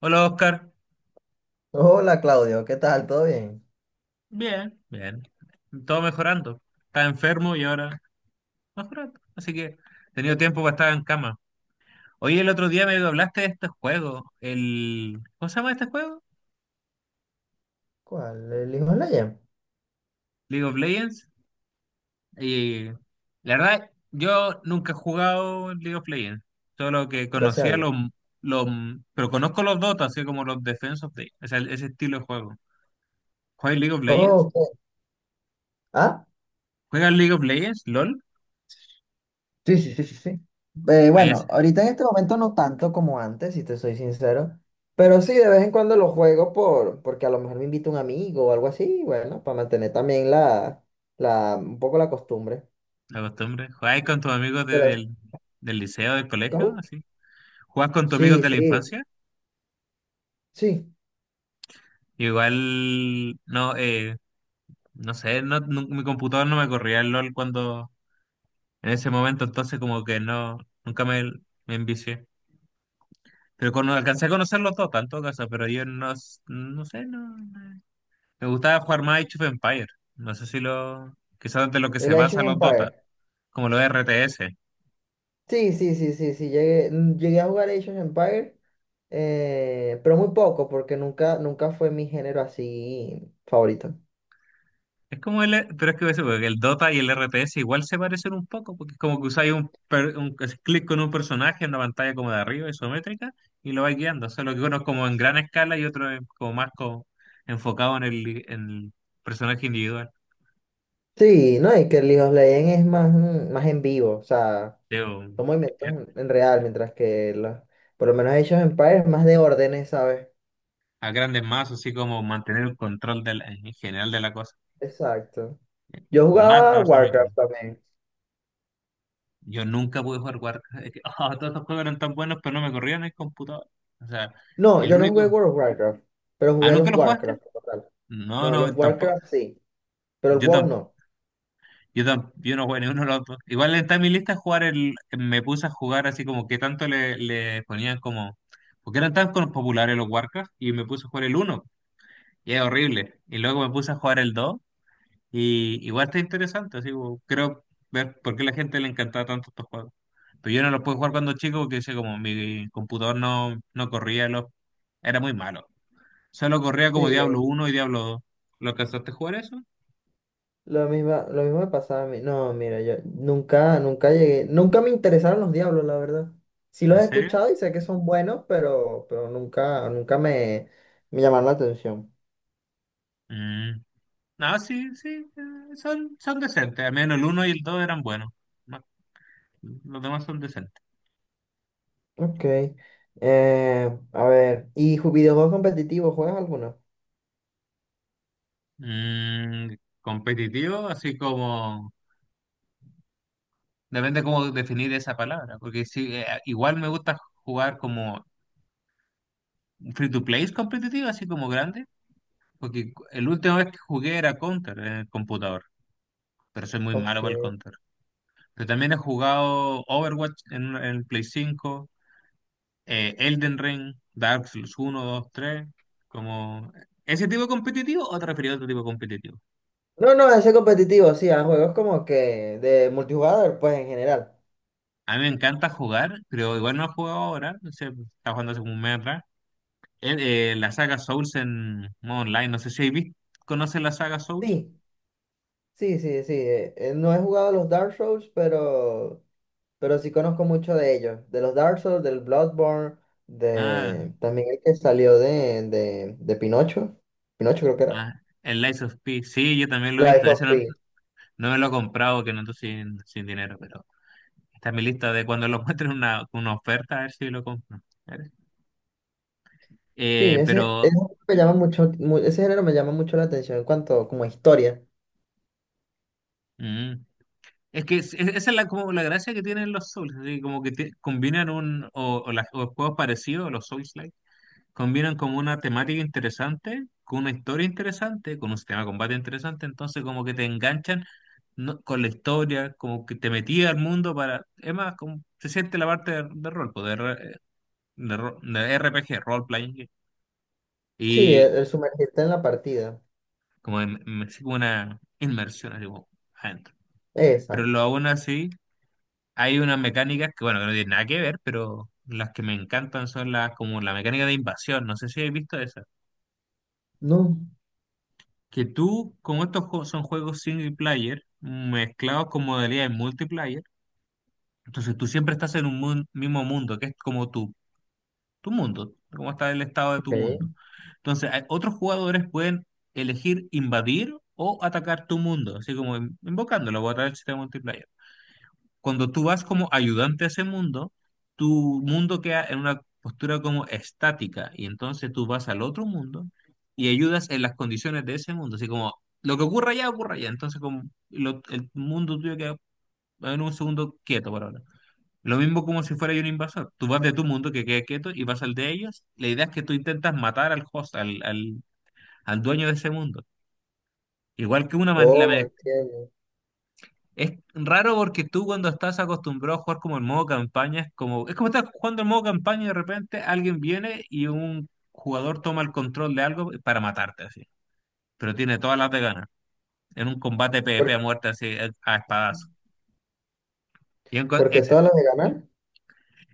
Hola Oscar. Hola Claudio, ¿qué tal? ¿Todo bien? Bien, bien, todo mejorando. Estaba enfermo y ahora mejorando. Así que he tenido tiempo para estar en cama. Hoy el otro día me hablaste de este juego, ¿cómo se llama este juego? ¿Cuál? ¿El hijo de la League of Legends. Y la verdad, yo nunca he jugado League of Legends, solo que gracias a conocía Dios. Los... pero conozco los Dota, así como los Defense of o sea, ese estilo de juego. ¿Juegas League of Legends? Oh, ok. ¿Ah? ¿Juegas League of Legends? ¿LOL? Sí, sí, sí, sí, sí. Eh, Ahí es. bueno, ahorita en este momento no tanto como antes, si te soy sincero, pero sí de vez en cuando lo juego porque a lo mejor me invita un amigo o algo así, bueno, para mantener también un poco la costumbre. La costumbre. ¿Jugáis con tus amigos de- Pero, del, del liceo, del colegio? ¿cómo? Así. ¿Juegas con tus amigos Sí, de la sí, infancia? sí, Igual, no, no sé, mi computador no me corría el LOL cuando, en ese momento, entonces como que no, nunca me envicié. Pero con, alcancé a conocer los dos, tanto casa, pero yo no, no sé, me gustaba jugar más Age of Empires. No sé si lo, quizás de lo que se el Age basa of los Dota, Empires. como los RTS. Sí, sí, sí, sí, sí, llegué a jugar Age of Empires, pero muy poco, porque nunca fue mi género así favorito. Es como el, pero es que ese, porque el Dota y el RTS igual se parecen un poco, porque es como que usáis un clic con un personaje en una pantalla como de arriba, isométrica, y lo vais guiando. Solo que uno es como en gran escala y otro es como más como enfocado en el personaje individual. Sí, no, y que el League of Legends es más, más en vivo, o sea, Digo, son movimientos en real, mientras que por lo menos Age of Empires es más de órdenes, ¿sabes? a grandes masas, así como mantener el control de en general de la cosa. Exacto. Yo O macro jugaba versus micro. Warcraft también. Yo nunca pude jugar Warcraft. Es que, todos estos juegos eran tan buenos, pero no me corrían en el computador. O sea, No, el yo no jugué único. World of Warcraft, pero ¿Ah, jugué nunca los lo jugaste? Warcraft como tal. No, No, los no, tampoco. Warcraft sí, pero el Yo WoW tampoco, no. Yo no juego ninguno de los dos. Igual está en mi lista jugar el, me puse a jugar así como que tanto le ponían como, porque eran tan populares los Warcraft y me puse a jugar el uno y es horrible. Y luego me puse a jugar el 2 y igual está interesante, así como, creo ver por qué a la gente le encantaba tanto estos juegos. Pero yo no los pude jugar cuando chico porque decía como mi computador no corría los, era muy malo. Solo corría como Sí, lo Diablo mismo. uno y Diablo dos. ¿Lo alcanzaste a jugar eso? Lo mismo me pasaba a mí. No, mira, yo nunca llegué, nunca me interesaron los diablos, la verdad. Sí los ¿En he serio? escuchado y sé que son buenos, pero, pero nunca me llamaron la atención. Mm. No, sí, sí, son decentes. Al menos el uno y el 2 eran buenos. Más- Los demás son decentes. Ok. A ver, ¿y videojuegos competitivos? ¿Juegas alguno? Mm, competitivo, así como... Depende cómo definir esa palabra, porque sí, igual me gusta jugar como free to play competitivo, así como grande, porque el último vez que jugué era Counter en el computador, pero soy muy malo para el Ok. Counter. Pero también he jugado Overwatch en el Play cinco, Elden Ring, Dark Souls uno, 2, 3, como ese tipo competitivo o te refieres a otro tipo competitivo. No, no, ese competitivo, sí, a juegos como que de multijugador, pues en general. A mí me encanta jugar, pero igual no he jugado ahora, no sé, estaba jugando hace como un mes atrás. La saga Souls en modo online, no sé si habéis visto, ¿conoces la saga Souls? Sí, sí, sí, sí. No he jugado los Dark Souls, pero sí conozco mucho de ellos, de los Dark Souls, del Bloodborne, Ah, de también el que salió de Pinocho, Pinocho creo que era, ah, el Lies of P, sí, yo también lo he Life visto, Sí. of ese no, Pi. no me lo he comprado, que no ando sin, sin dinero, pero está en mi lista de cuando lo encuentre una oferta, a ver si lo compro. A ver. Sí, Pero... ese me llama mucho, ese género me llama mucho la atención en cuanto como a historia. mm, es que esa es la, como la gracia que tienen los Souls, así como que combinan un, o o juegos parecidos a los Souls-like, combinan como una temática interesante, con una historia interesante, con un sistema de combate interesante, entonces como que te enganchan con la historia, como que te metía al mundo para, es más, como se siente la parte de rol, pues, de, re- de ro- de RPG, role-playing, game, Sí, y el sumergirte en la partida. como así como una inmersión así como adentro. Pero lo Exacto. aún así. Hay unas mecánicas que, bueno, que no tienen nada que ver, pero las que me encantan son las como la mecánica de invasión. No sé si habéis visto esa. No. Que tú, como estos juegos son juegos single player, mezclados con modalidades multiplayer, entonces tú siempre estás en un mismo mundo, que es como tu mundo, como está el estado de tu mundo. Ok. Entonces, otros jugadores pueden elegir invadir o atacar tu mundo, así como invocándolo, voy a atacar el sistema multiplayer. Cuando tú vas como ayudante a ese mundo, tu mundo queda en una postura como estática y entonces tú vas al otro mundo y ayudas en las condiciones de ese mundo, así como lo que ocurra allá, entonces como el mundo tuyo queda en un segundo quieto por ahora. Lo mismo como si fuera yo un invasor, tú vas de tu mundo que queda quieto y vas al de ellos, la idea es que tú intentas matar al host, al dueño de ese mundo. Igual que una, la. Oh, entiendo. Es raro porque tú cuando estás acostumbrado a jugar como en modo campaña, es como estás jugando en modo campaña y de repente alguien viene y un jugador toma el control de algo para matarte así. Pero tiene todas las de ganas. En un combate PvP a ¿Por, muerte así a espadazo. Y en co- ¿Por qué es, todas las de ganar?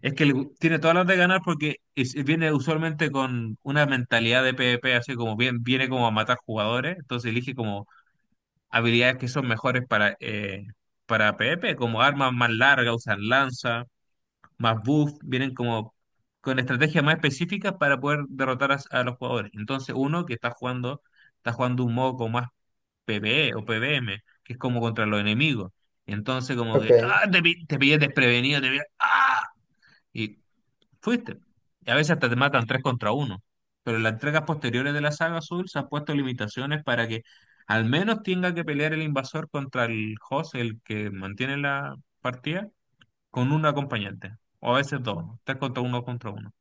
es que tiene todas las de ganar porque viene usualmente con una mentalidad de PvP así como bien, viene como a matar jugadores, entonces elige como habilidades que son mejores para PvP, como armas más largas, usan lanza más buff, vienen como con estrategias más específicas para poder derrotar a los jugadores. Entonces, uno que está jugando un modo como más PvE o PvM, que es como contra los enemigos. Entonces, como que, Ok. Te pillé desprevenido, te pillé, y fuiste. Y a veces hasta te matan tres contra uno. Pero en las entregas posteriores de la saga Azul se han puesto limitaciones para que al menos tenga que pelear el invasor contra el host, el que mantiene la partida con un acompañante, o a veces dos, tres contra uno contra uno.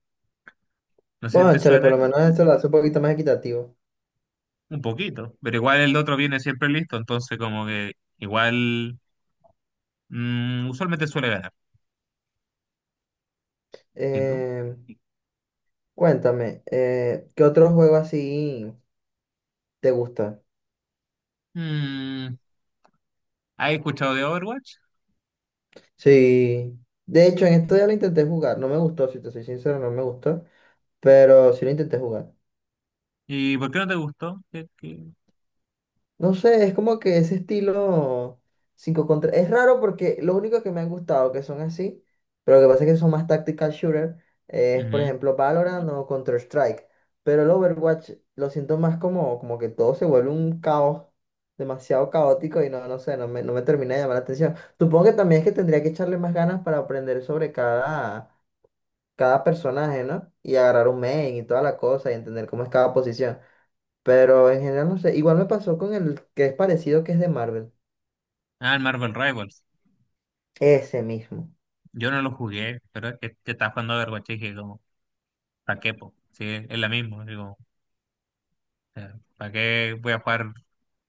No sé si te Bueno, chale, por suena lo esto, menos eso lo hace un poquito más equitativo. un poquito, pero igual el otro viene siempre listo, entonces como que igual usualmente suele ganar. ¿Y tú? Eh, Cuéntame, ¿qué otro juego así? ¿Te gusta? Mm, ¿Has escuchado de Overwatch? Sí. De hecho, en esto ya lo intenté jugar. No me gustó, si te soy sincero, no me gustó. Pero sí lo intenté jugar. ¿Y por qué no te gustó? ¿Qué? No sé, es como que ese estilo 5 contra... Es raro porque lo único que me han gustado que son así, pero lo que pasa es que son más tactical shooter, es por Ujú. ejemplo Valorant o Counter-Strike. Pero el Overwatch lo siento más como, como que todo se vuelve un caos, demasiado caótico y no, no sé, no me termina de llamar la atención. Supongo que también es que tendría que echarle más ganas para aprender sobre cada personaje, ¿no? Y agarrar un main y toda la cosa y entender cómo es cada posición. Pero en general no sé. Igual me pasó con el que es parecido, que es de Marvel. Ah, el Marvel Rivals. Ese mismo, Yo no lo jugué, pero es que estaba jugando Overwatch y dije como, ¿para qué, po? Sí, es la misma, digo, ¿para qué voy a jugar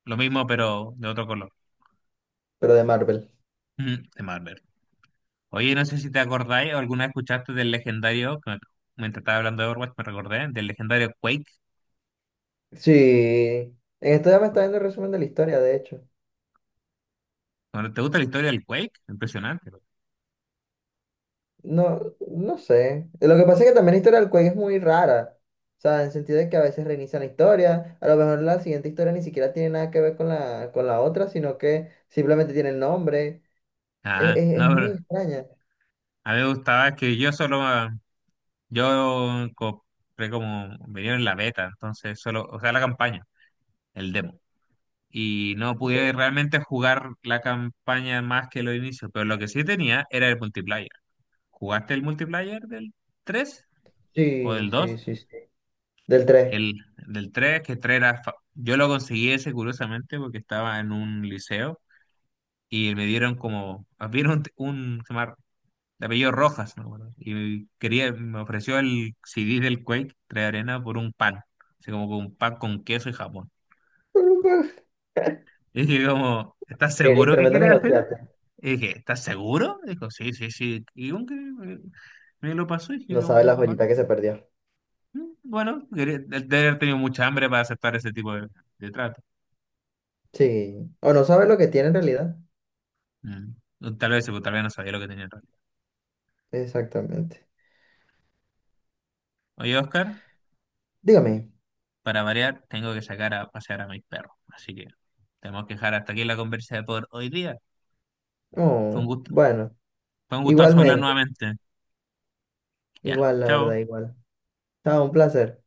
lo mismo pero de otro color? pero de Marvel. Ujú, de Marvel. Oye, no sé si te acordáis o alguna vez escuchaste del legendario, mientras estaba hablando de Overwatch me recordé, del legendario Quake. Sí. En esto ya me está viendo el resumen de la historia, de hecho. Bueno, ¿te gusta la historia del Quake? Impresionante. No, no sé. Lo que pasa es que también la historia del juego es muy rara. O sea, en el sentido de que a veces reinicia la historia, a lo mejor la siguiente historia ni siquiera tiene nada que ver con con la otra, sino que simplemente tiene el nombre. Ah, Es no, muy pero extraña. a mí me gustaba que yo solo, yo compré como, venía en la beta, entonces solo, o sea, la campaña, el demo. Y no Ok. pude realmente jugar la campaña más que los inicios, pero lo que sí tenía era el multiplayer. ¿Jugaste el multiplayer del 3 o del Sí, 2? sí, sí, sí. Del 3. El del tres, que 3 era. Yo lo conseguí ese curiosamente porque estaba en un liceo y me dieron como. Vieron un de apellido Rojas, ¿no? Me acuerdo. Y quería, me ofreció el CD del Quake, 3 Arena, por un pan. Así como con un pan con queso y jamón. Y dije como, ¿estás seguro que Tremendo quieres hacer esto? negociante. Y dije, ¿estás seguro? Dijo, sí, sí, sí. Y un que me lo pasó y dije No sabe como, la "Va, joyita que se perdió. Bueno, quería, de haber tenido mucha hambre para aceptar ese tipo de trato". Sí. O no sabe lo que tiene en realidad. Mm. O tal vez no sabía lo que tenía en realidad. Exactamente. Oye, Oscar, Dígame. para variar, tengo que sacar a pasear a mis perros. Así que tenemos que dejar hasta aquí la conversa de por hoy día. Fue un Oh, gusto. bueno. Fue un gustazo hablar Igualmente. nuevamente. Ya, Igual, la verdad, chao. igual. Chao, un placer.